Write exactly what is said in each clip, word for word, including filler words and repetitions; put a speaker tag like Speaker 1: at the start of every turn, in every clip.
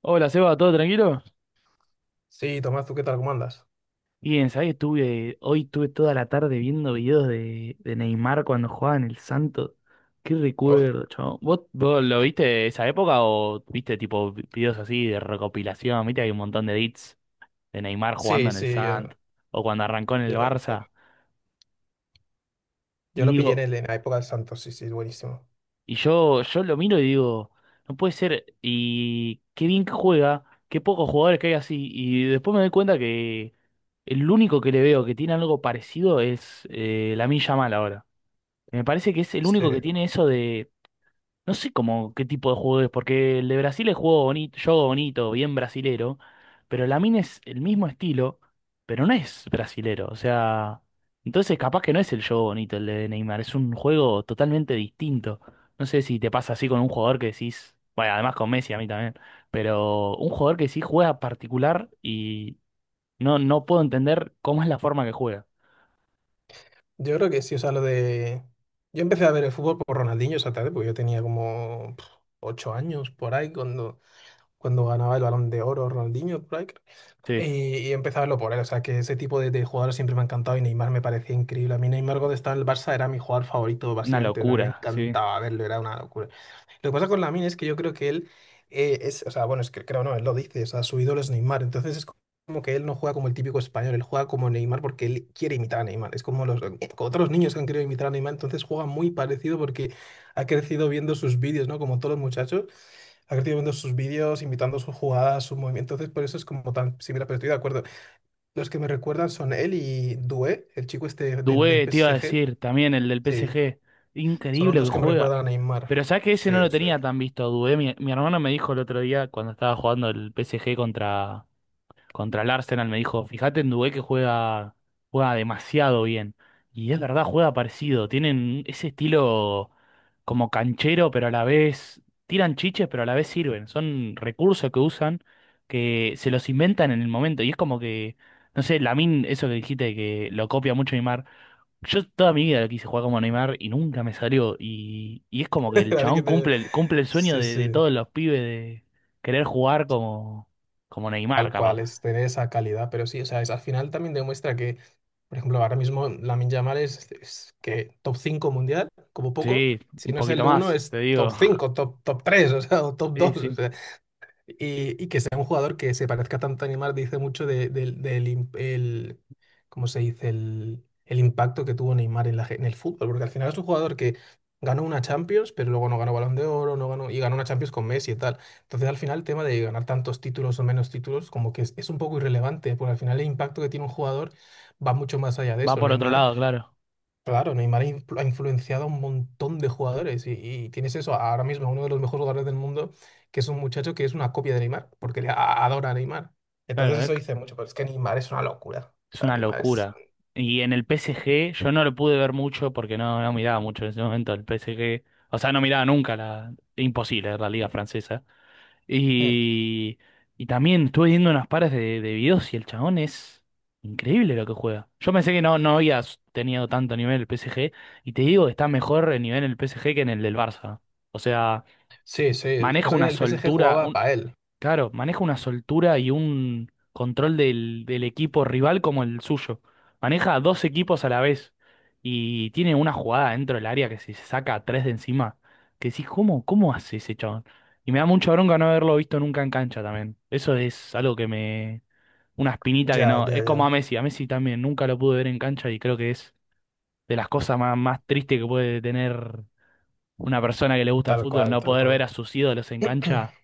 Speaker 1: Hola, Seba, ¿todo tranquilo?
Speaker 2: Sí, Tomás, ¿tú qué tal? ¿Cómo andas?
Speaker 1: Bien, ¿sabés? Estuve, hoy estuve toda la tarde viendo videos de, de Neymar cuando jugaba en el Santos. Qué
Speaker 2: Oh,
Speaker 1: recuerdo, chabón. ¿Vos, vos lo viste de esa época o viste tipo vi- videos así de recopilación? Viste, hay un montón de edits de Neymar jugando
Speaker 2: sí,
Speaker 1: en el
Speaker 2: sí, yo,
Speaker 1: Santos o cuando arrancó en el
Speaker 2: yo lo,
Speaker 1: Barça.
Speaker 2: yo
Speaker 1: Y
Speaker 2: lo pillé en,
Speaker 1: digo,
Speaker 2: el- en la época del Santos, sí, sí, buenísimo.
Speaker 1: Y yo, yo lo miro y digo, no puede ser, y qué bien que juega, qué pocos jugadores que hay así. Y después me doy cuenta que el único que le veo que tiene algo parecido es eh, Lamine Yamal ahora. Me parece que es el
Speaker 2: Sí,
Speaker 1: único que tiene eso, no sé cómo qué tipo de juego es, porque el de Brasil es juego bonito, juego bonito, bien brasilero, pero Lamine es el mismo estilo, pero no es brasilero. O sea, entonces capaz que no es el juego bonito el de Neymar, es un juego totalmente distinto. No sé si te pasa así con un jugador que decís, bueno, además con Messi a mí también, pero un jugador que sí juega particular y no, no puedo entender cómo es la forma que juega.
Speaker 2: yo creo que sí, o sea, lo de... Yo empecé a ver el fútbol por Ronaldinho esa tarde, porque yo tenía como pf, ocho años por ahí, cuando, cuando ganaba el Balón de Oro Ronaldinho, por ahí.
Speaker 1: Sí,
Speaker 2: Y, y empecé a verlo por él. O sea, que ese tipo de, de jugadores siempre me ha encantado y Neymar me parecía increíble. A mí Neymar cuando estaba en el Barça era mi jugador favorito,
Speaker 1: una
Speaker 2: básicamente. O sea, a mí me
Speaker 1: locura, sí.
Speaker 2: encantaba verlo, era una locura. Lo que pasa con Lamine es que yo creo que él eh, es, o sea, bueno, es que creo no, él lo dice, o sea, su ídolo es Neymar. Entonces es como que él no juega como el típico español, él juega como Neymar porque él quiere imitar a Neymar. Es como los, como otros niños que han querido imitar a Neymar, entonces juega muy parecido porque ha crecido viendo sus vídeos, ¿no? Como todos los muchachos ha crecido viendo sus vídeos, imitando sus jugadas, sus movimientos. Entonces, por eso es como tan similar, pero estoy de acuerdo. Los que me recuerdan son él y Doué, el chico este del, del
Speaker 1: Dubé, te iba a
Speaker 2: P S G.
Speaker 1: decir, también el del
Speaker 2: Sí,
Speaker 1: P S G.
Speaker 2: son los
Speaker 1: Increíble que
Speaker 2: dos que me
Speaker 1: juega.
Speaker 2: recuerdan a Neymar.
Speaker 1: Pero sabes que ese
Speaker 2: Sí,
Speaker 1: no lo
Speaker 2: sí.
Speaker 1: tenía tan visto a Dubé. Mi, mi hermano me dijo el otro día, cuando estaba jugando el P S G contra, contra el Arsenal, me dijo, fíjate en Dubé que juega, juega demasiado bien. Y es verdad, juega parecido. Tienen ese estilo como canchero, pero a la vez tiran chiches, pero a la vez sirven. Son recursos que usan, que se los inventan en el momento. Y es como que, no sé, Lamine, eso que dijiste, que lo copia mucho Neymar. Yo toda mi vida lo quise jugar como Neymar y nunca me salió. Y, y es como que el
Speaker 2: Así que
Speaker 1: chabón
Speaker 2: te-
Speaker 1: cumple, el- cumple el sueño
Speaker 2: Sí,
Speaker 1: de, de
Speaker 2: sí.
Speaker 1: todos los pibes de querer jugar como, como Neymar,
Speaker 2: Tal
Speaker 1: capaz.
Speaker 2: cual, es tener esa calidad. Pero sí, o sea, es- al final también demuestra que, por ejemplo, ahora mismo Lamine Yamal es, es que top cinco mundial, como poco.
Speaker 1: Sí,
Speaker 2: Si
Speaker 1: un
Speaker 2: no es
Speaker 1: poquito
Speaker 2: el uno
Speaker 1: más,
Speaker 2: es
Speaker 1: te
Speaker 2: top
Speaker 1: digo.
Speaker 2: cinco top, top tres o sea, o top
Speaker 1: Sí,
Speaker 2: dos
Speaker 1: sí.
Speaker 2: y, y que sea un jugador que se parezca tanto a Neymar dice mucho de- del, del im- el, ¿cómo se dice? El, el impacto que tuvo Neymar en, la, ge- en el fútbol, porque al final es un jugador que ganó una Champions, pero luego no ganó Balón de Oro, no ganó, y ganó una Champions con Messi y tal. Entonces al final el tema de ganar tantos títulos o menos títulos como que es, es un poco irrelevante, porque al final el impacto que tiene un jugador va mucho más allá de
Speaker 1: Va
Speaker 2: eso.
Speaker 1: por otro
Speaker 2: Neymar
Speaker 1: lado, claro.
Speaker 2: Claro, Neymar ha influ- ha influenciado a un montón de jugadores y, y tienes eso ahora mismo, uno de los mejores jugadores del mundo, que es un muchacho que es una copia de Neymar, porque le a- adora a Neymar. Entonces
Speaker 1: Claro, es,
Speaker 2: eso dice mucho, pero es que Neymar es una locura. O
Speaker 1: es
Speaker 2: sea,
Speaker 1: una
Speaker 2: Neymar es...
Speaker 1: locura. Y en el
Speaker 2: Sí.
Speaker 1: P S G yo no lo pude ver mucho porque no, no miraba mucho en ese momento el P S G. O sea, no miraba nunca la... Imposible, la liga francesa.
Speaker 2: Mm.
Speaker 1: Y, y también estuve viendo unas pares de, de videos y el chabón es increíble lo que juega. Yo pensé que no, no había s- tenido tanto nivel el P S G y te digo, que está mejor el nivel en el P S G que en el del Barça. O sea,
Speaker 2: Sí. Sí. Lo que
Speaker 1: maneja
Speaker 2: pasa es que en
Speaker 1: una
Speaker 2: el P S G
Speaker 1: soltura.
Speaker 2: jugaba para él.
Speaker 1: Claro, maneja una soltura y un control del, del equipo rival como el suyo. Maneja a dos equipos a la vez y tiene una jugada dentro del área que se saca a tres de encima. Que decís, ¿cómo, ¿cómo hace ese chabón? Y me da mucha bronca no haberlo visto nunca en cancha también. Eso es algo que me... Una espinita que
Speaker 2: Ya,
Speaker 1: no...
Speaker 2: ya,
Speaker 1: Es como a
Speaker 2: ya.
Speaker 1: Messi. A Messi también nunca lo pude ver en cancha y creo que es de las cosas más, más tristes que puede tener una persona que le gusta el
Speaker 2: Tal
Speaker 1: fútbol,
Speaker 2: cual,
Speaker 1: no
Speaker 2: tal
Speaker 1: poder ver
Speaker 2: cual.
Speaker 1: a sus ídolos en cancha.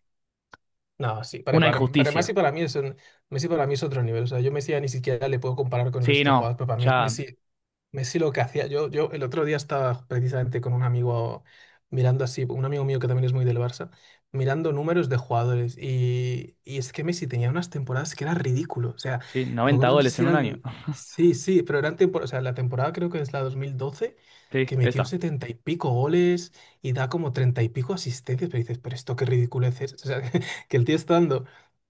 Speaker 2: No, sí, para,
Speaker 1: Una
Speaker 2: para, para Messi
Speaker 1: injusticia.
Speaker 2: para mí es un- Messi para mí es otro nivel. O sea, yo Messi ya ni siquiera le puedo comparar con el
Speaker 1: Sí,
Speaker 2: resto de
Speaker 1: no,
Speaker 2: jugadores, pero para mí
Speaker 1: ya,
Speaker 2: Messi Messi lo que hacía, yo, yo el otro día estaba precisamente con un amigo mirando así, un amigo mío que también es muy del Barça, mirando números de jugadores y, y es que Messi tenía unas temporadas que era ridículo, o sea,
Speaker 1: sí,
Speaker 2: me
Speaker 1: noventa
Speaker 2: acuerdo, no sé
Speaker 1: goles
Speaker 2: si
Speaker 1: en un año.
Speaker 2: eran, sí, sí, pero eran temporadas, o sea, la temporada creo que es la dos mil doce,
Speaker 1: Sí,
Speaker 2: que metió
Speaker 1: esa,
Speaker 2: setenta y pico goles y da como treinta y pico asistencias, pero dices, pero esto qué ridiculez es, o sea, que el tío está dando...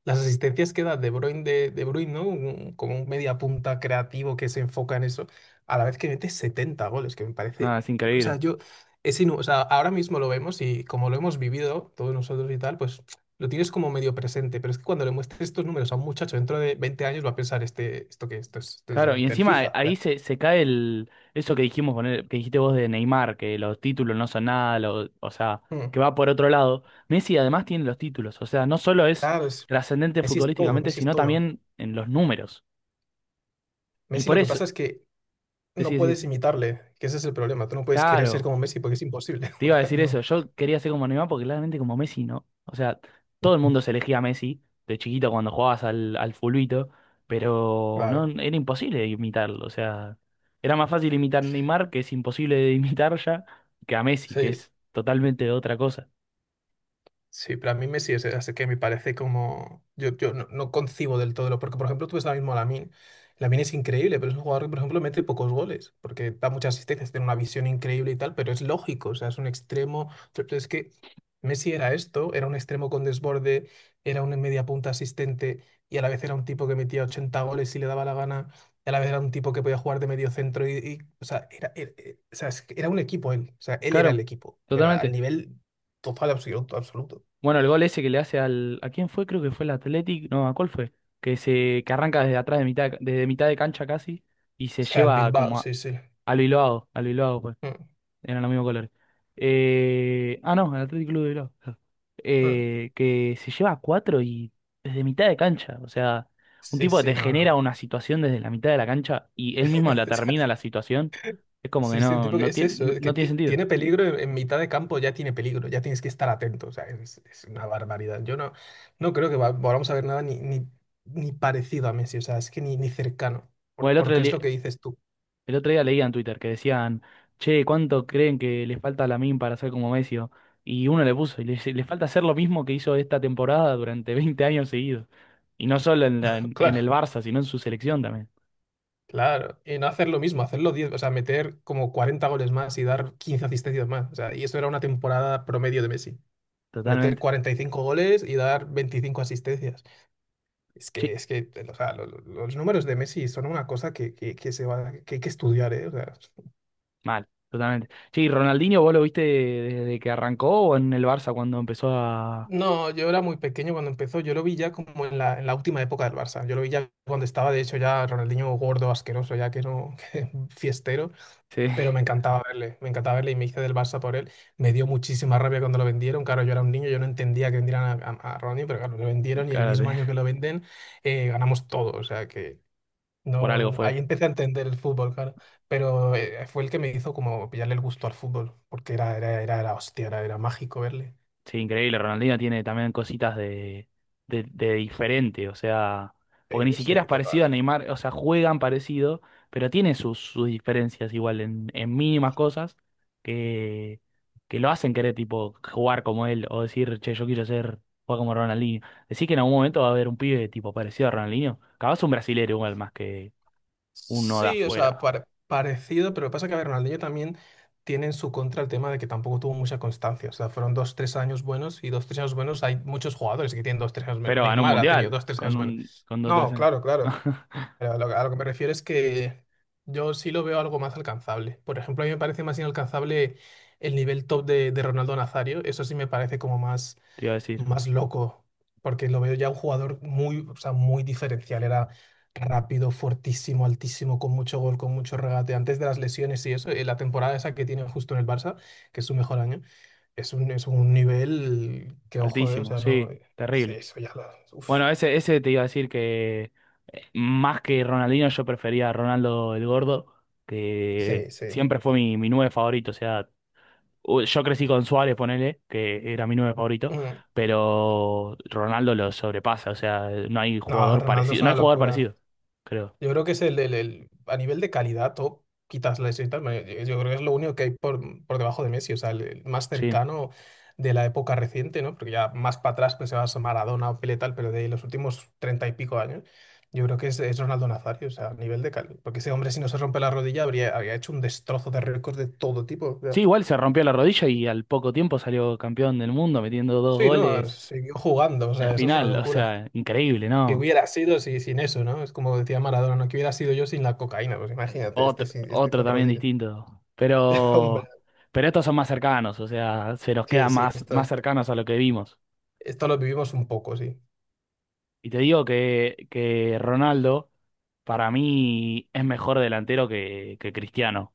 Speaker 2: Las asistencias que da De Bruyne, de, De Bruyne, ¿no? Un- como un media punta creativo que se enfoca en eso a la vez que mete setenta goles, que me
Speaker 1: nada,
Speaker 2: parece,
Speaker 1: es
Speaker 2: o
Speaker 1: increíble.
Speaker 2: sea, yo, es inu- o sea, ahora mismo lo vemos y como lo hemos vivido todos nosotros y tal, pues lo tienes como medio presente, pero es que cuando le muestres estos números a un muchacho dentro de veinte años va a pensar, este, esto que esto es, esto es de
Speaker 1: Claro, y
Speaker 2: un- del
Speaker 1: encima eh,
Speaker 2: FIFA. O
Speaker 1: ahí
Speaker 2: sea,
Speaker 1: se, se cae el, eso que dijimos con él- que dijiste vos de Neymar, que los títulos no son nada, lo- o sea,
Speaker 2: mm,
Speaker 1: que va por otro lado. Messi además tiene los títulos, o sea, no solo es
Speaker 2: claro, es,
Speaker 1: trascendente
Speaker 2: Messi es todo,
Speaker 1: futbolísticamente,
Speaker 2: Messi es
Speaker 1: sino
Speaker 2: todo.
Speaker 1: también en los números. Y
Speaker 2: Messi
Speaker 1: por
Speaker 2: lo que
Speaker 1: eso,
Speaker 2: pasa es que no
Speaker 1: decís,
Speaker 2: puedes
Speaker 1: decís,
Speaker 2: imitarle, que ese es el problema, tú no puedes querer ser
Speaker 1: claro.
Speaker 2: como Messi porque es imposible.
Speaker 1: Te iba a decir eso,
Speaker 2: No,
Speaker 1: yo quería ser como Neymar porque claramente como Messi no. O sea, todo el mundo se elegía a Messi de chiquito cuando jugabas al, al fulbito, pero no,
Speaker 2: claro,
Speaker 1: era imposible imitarlo. O sea, era más fácil imitar a Neymar, que es imposible de imitar ya, que a Messi, que
Speaker 2: sí.
Speaker 1: es totalmente otra cosa.
Speaker 2: Sí, pero a mí Messi es, es que me parece como... Yo, yo no, no concibo del todo, lo- porque por ejemplo tú ves ahora mismo a Lamine. Lamine es increíble, pero es un jugador que por ejemplo mete pocos goles, porque da muchas asistencias, tiene una visión increíble y tal, pero es lógico, o sea, es un extremo... Pero es que Messi era esto, era un extremo con desborde, era un media punta asistente y a la vez era un tipo que metía ochenta goles si le daba la gana, y a la vez era un tipo que podía jugar de medio centro y... Y, o sea, era, era, eh, o sea, es que era un equipo él, o sea, él era el
Speaker 1: Claro,
Speaker 2: equipo, pero al
Speaker 1: totalmente.
Speaker 2: nivel total, absoluto, absoluto.
Speaker 1: Bueno, el gol ese que le hace al... ¿A quién fue? Creo que fue el Athletic. No, ¿a cuál fue? Que se, que arranca desde atrás de mitad, desde mitad de cancha casi y se
Speaker 2: Sea, el
Speaker 1: lleva
Speaker 2: Bilbao,
Speaker 1: como a,
Speaker 2: sí, sí.
Speaker 1: a lo Iloao, a lo Iloao.
Speaker 2: Mm,
Speaker 1: Eran los mismos colores. Eh, ah, no, el Atlético Club de Bilbao. Claro.
Speaker 2: mm.
Speaker 1: Eh, que se lleva a cuatro y desde mitad de cancha. O sea, un
Speaker 2: Sí,
Speaker 1: tipo que
Speaker 2: sí,
Speaker 1: te
Speaker 2: no,
Speaker 1: genera
Speaker 2: no.
Speaker 1: una situación desde la mitad de la cancha y él mismo la
Speaker 2: O sea,
Speaker 1: termina la situación. Es como que
Speaker 2: sí, sí, un
Speaker 1: no,
Speaker 2: tipo que
Speaker 1: no
Speaker 2: es
Speaker 1: tiene,
Speaker 2: eso,
Speaker 1: no,
Speaker 2: es que
Speaker 1: no tiene
Speaker 2: ti-
Speaker 1: sentido.
Speaker 2: tiene peligro en, en, mitad de campo, ya tiene peligro, ya tienes que estar atento. O sea, es, es una barbaridad. Yo no, no creo que va- volvamos a ver nada ni, ni, ni parecido a Messi, o sea, es que ni, ni cercano,
Speaker 1: Bueno,
Speaker 2: por-
Speaker 1: el otro,
Speaker 2: porque es lo
Speaker 1: le-
Speaker 2: que dices tú.
Speaker 1: el otro día leía en Twitter que decían, che, ¿cuánto creen que le falta a Lamine para ser como Messi? O... Y uno le puso, y le, dice, le falta hacer lo mismo que hizo esta temporada durante veinte años seguidos. Y no solo en, la- en el
Speaker 2: Claro,
Speaker 1: Barça, sino en su selección también.
Speaker 2: claro. Y no hacer lo mismo, hacerlo diez, o sea, meter como cuarenta goles más y dar quince asistencias más. O sea, y eso era una temporada promedio de Messi. Meter
Speaker 1: Totalmente.
Speaker 2: cuarenta y cinco goles y dar veinticinco asistencias. Es que,
Speaker 1: Sí,
Speaker 2: es que, o sea, lo- lo- los números de Messi son una cosa que, que, que se va, que hay que estudiar, ¿eh? O sea,
Speaker 1: mal, totalmente. Sí, Ronaldinho, ¿vos lo viste desde que arrancó o en el Barça cuando empezó a...
Speaker 2: no, yo era muy pequeño cuando empezó, yo lo vi ya como en la, en la última época del Barça, yo lo vi ya cuando estaba, de hecho, ya Ronaldinho gordo, asqueroso, ya que no, que fiestero,
Speaker 1: Sí,
Speaker 2: pero me encantaba verle, me encantaba verle y me hice del Barça por él, me dio muchísima rabia cuando lo vendieron, claro, yo era un niño, yo no entendía que vendieran a, a, a Ronaldinho, pero claro, lo vendieron y el
Speaker 1: cárate,
Speaker 2: mismo año que lo venden, eh, ganamos todo, o sea,
Speaker 1: por algo
Speaker 2: no,
Speaker 1: fue.
Speaker 2: ahí empecé a entender el fútbol, claro. Pero eh, fue el que me hizo como pillarle el gusto al fútbol, porque era, era, era, era hostia, era, era mágico verle.
Speaker 1: Sí, increíble. Ronaldinho tiene también cositas de, de, de diferente, o sea, porque ni
Speaker 2: Sí,
Speaker 1: siquiera es
Speaker 2: sí, total.
Speaker 1: parecido a Neymar, o sea, juegan parecido, pero tiene sus, sus diferencias igual en, en mínimas cosas que, que lo hacen querer, tipo, jugar como él o decir, che, yo quiero ser, jugar como Ronaldinho. Decir que en algún momento va a haber un pibe tipo parecido a Ronaldinho, capaz un brasilero igual más que uno de
Speaker 2: Sí, o sea,
Speaker 1: afuera,
Speaker 2: pare- parecido, pero lo que pasa es que a ver, Ronaldinho también tiene en su contra el tema de que tampoco tuvo mucha constancia. O sea, fueron dos, tres años buenos y dos, tres años buenos. Hay muchos jugadores que tienen dos, tres años buenos.
Speaker 1: pero ganó un
Speaker 2: Neymar ha tenido
Speaker 1: mundial
Speaker 2: dos, tres
Speaker 1: con
Speaker 2: años buenos.
Speaker 1: un, con dos, tres
Speaker 2: No,
Speaker 1: años.
Speaker 2: claro, claro. Pero a lo, a lo que me refiero es que yo sí lo veo algo más alcanzable. Por ejemplo, a mí me parece más inalcanzable el nivel top de, de Ronaldo Nazario. Eso sí me parece como más,
Speaker 1: Te iba a decir,
Speaker 2: más loco, porque lo veo ya un jugador muy, o sea, muy diferencial. Era rápido, fuertísimo, altísimo, con mucho gol, con mucho regate. Antes de las lesiones y eso, eh, la temporada esa que tiene justo en el Barça, que es su mejor año, es un, es un nivel que, ojo, eh, o
Speaker 1: altísimo,
Speaker 2: sea, no,
Speaker 1: sí,
Speaker 2: sí,
Speaker 1: terrible.
Speaker 2: eso ya lo... Uf,
Speaker 1: Bueno, ese, ese te iba a decir que eh, más que Ronaldinho yo prefería a Ronaldo el Gordo, que
Speaker 2: sí, sí.
Speaker 1: siempre fue mi, mi nueve favorito. O sea, u- yo crecí con Suárez, ponele, que era mi nueve favorito, pero Ronaldo lo sobrepasa. O sea, no hay
Speaker 2: No,
Speaker 1: jugador
Speaker 2: Ronaldo
Speaker 1: parecido,
Speaker 2: es
Speaker 1: no hay
Speaker 2: una
Speaker 1: jugador
Speaker 2: locura.
Speaker 1: parecido, creo.
Speaker 2: Yo creo que es el, el- el- a nivel de calidad, top, quitas la quitas, me- yo creo que es lo único que hay por, por debajo de Messi, o sea, el, el más
Speaker 1: Sí.
Speaker 2: cercano de la época reciente, ¿no? Porque ya más para atrás pues se va a Maradona o Pelé tal, pero de los últimos treinta y pico años, yo creo que es, es Ronaldo Nazario, o sea, a nivel de calidad. Porque ese hombre si no se rompe la rodilla habría, habría hecho un destrozo de récords de todo tipo. O
Speaker 1: Sí,
Speaker 2: sea.
Speaker 1: igual se rompió la rodilla y al poco tiempo salió campeón del mundo metiendo dos
Speaker 2: Sí, no,
Speaker 1: goles.
Speaker 2: siguió jugando, o sea,
Speaker 1: La
Speaker 2: eso es una
Speaker 1: final, o
Speaker 2: locura.
Speaker 1: sea, increíble,
Speaker 2: Que
Speaker 1: ¿no?
Speaker 2: hubiera sido si, sin eso, ¿no? Es como decía Maradona, ¿no? Que hubiera sido yo sin la cocaína, pues imagínate, este,
Speaker 1: Otro,
Speaker 2: sin- este
Speaker 1: otro
Speaker 2: con
Speaker 1: también
Speaker 2: rodillas.
Speaker 1: distinto.
Speaker 2: Hombre,
Speaker 1: Pero, pero estos son más cercanos, o sea, se nos
Speaker 2: que
Speaker 1: quedan
Speaker 2: sí,
Speaker 1: más, más
Speaker 2: esto,
Speaker 1: cercanos a lo que vimos.
Speaker 2: esto lo vivimos un poco, sí.
Speaker 1: Y te digo que, que Ronaldo, para mí, es mejor delantero que, que Cristiano,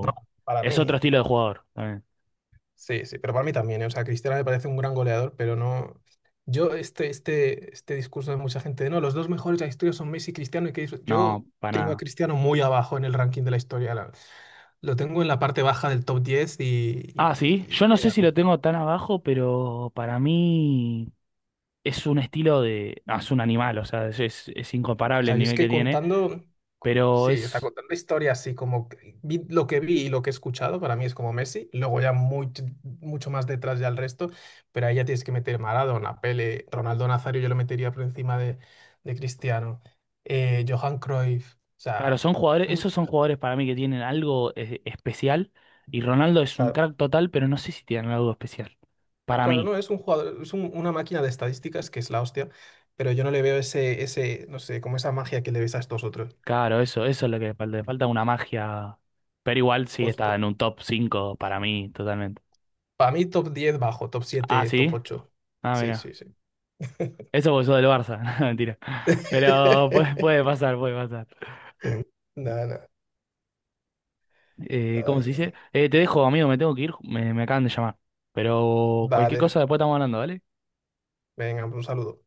Speaker 2: No, para
Speaker 1: es
Speaker 2: mí,
Speaker 1: otro estilo de jugador también.
Speaker 2: sí, sí, pero para mí también, ¿eh? O sea, Cristiano me parece un gran goleador, pero no... Yo, este, este, este discurso de mucha gente de, no, los dos mejores de la historia son Messi y Cristiano, y que dis-
Speaker 1: No,
Speaker 2: yo
Speaker 1: para
Speaker 2: tengo a
Speaker 1: nada.
Speaker 2: Cristiano muy abajo en el ranking de la historia. la- lo tengo en la parte baja del top diez y, y,
Speaker 1: Ah, sí,
Speaker 2: y-
Speaker 1: yo
Speaker 2: y
Speaker 1: no sé
Speaker 2: llega.
Speaker 1: si lo tengo tan abajo, pero para mí es un estilo de... no, es un animal, o sea, es, es es
Speaker 2: O
Speaker 1: incomparable
Speaker 2: sea,
Speaker 1: el
Speaker 2: yo es
Speaker 1: nivel que
Speaker 2: que
Speaker 1: tiene,
Speaker 2: contando,
Speaker 1: pero
Speaker 2: sí, o sea,
Speaker 1: es...
Speaker 2: contando historias así como que vi- lo que vi y lo que he escuchado, para mí es como Messi, luego ya muy, mucho más detrás ya el resto, pero ahí ya tienes que meter Maradona, Pele, Ronaldo Nazario, yo lo metería por encima de, de Cristiano, eh, Johan Cruyff, o
Speaker 1: Claro,
Speaker 2: sea,
Speaker 1: son jugadores,
Speaker 2: mucho-
Speaker 1: esos son jugadores para mí que tienen algo eh, especial y Ronaldo es un
Speaker 2: claro,
Speaker 1: crack total, pero no sé si tienen algo especial. Para
Speaker 2: claro,
Speaker 1: mí,
Speaker 2: no, es un jugador, es un- una máquina de estadísticas que es la hostia, pero yo no le veo ese, ese, no sé, como esa magia que le ves a estos otros,
Speaker 1: claro, eso, eso es lo que le falta, le falta una magia, pero igual sí está en
Speaker 2: justo.
Speaker 1: un top cinco para mí totalmente.
Speaker 2: Para mí top diez bajo, top
Speaker 1: Ah,
Speaker 2: siete, top
Speaker 1: sí,
Speaker 2: ocho.
Speaker 1: ah,
Speaker 2: Sí,
Speaker 1: mira,
Speaker 2: sí, sí.
Speaker 1: eso porque sos del Barça. No, mentira, pero puede, puede pasar, puede pasar.
Speaker 2: Nada, nada.
Speaker 1: Eh, ¿cómo
Speaker 2: Ay,
Speaker 1: se
Speaker 2: Dios.
Speaker 1: dice? Eh, te dejo, amigo, me tengo que ir, me, me acaban de llamar, pero cualquier cosa
Speaker 2: Dale,
Speaker 1: después estamos hablando, ¿vale?
Speaker 2: venga, un saludo.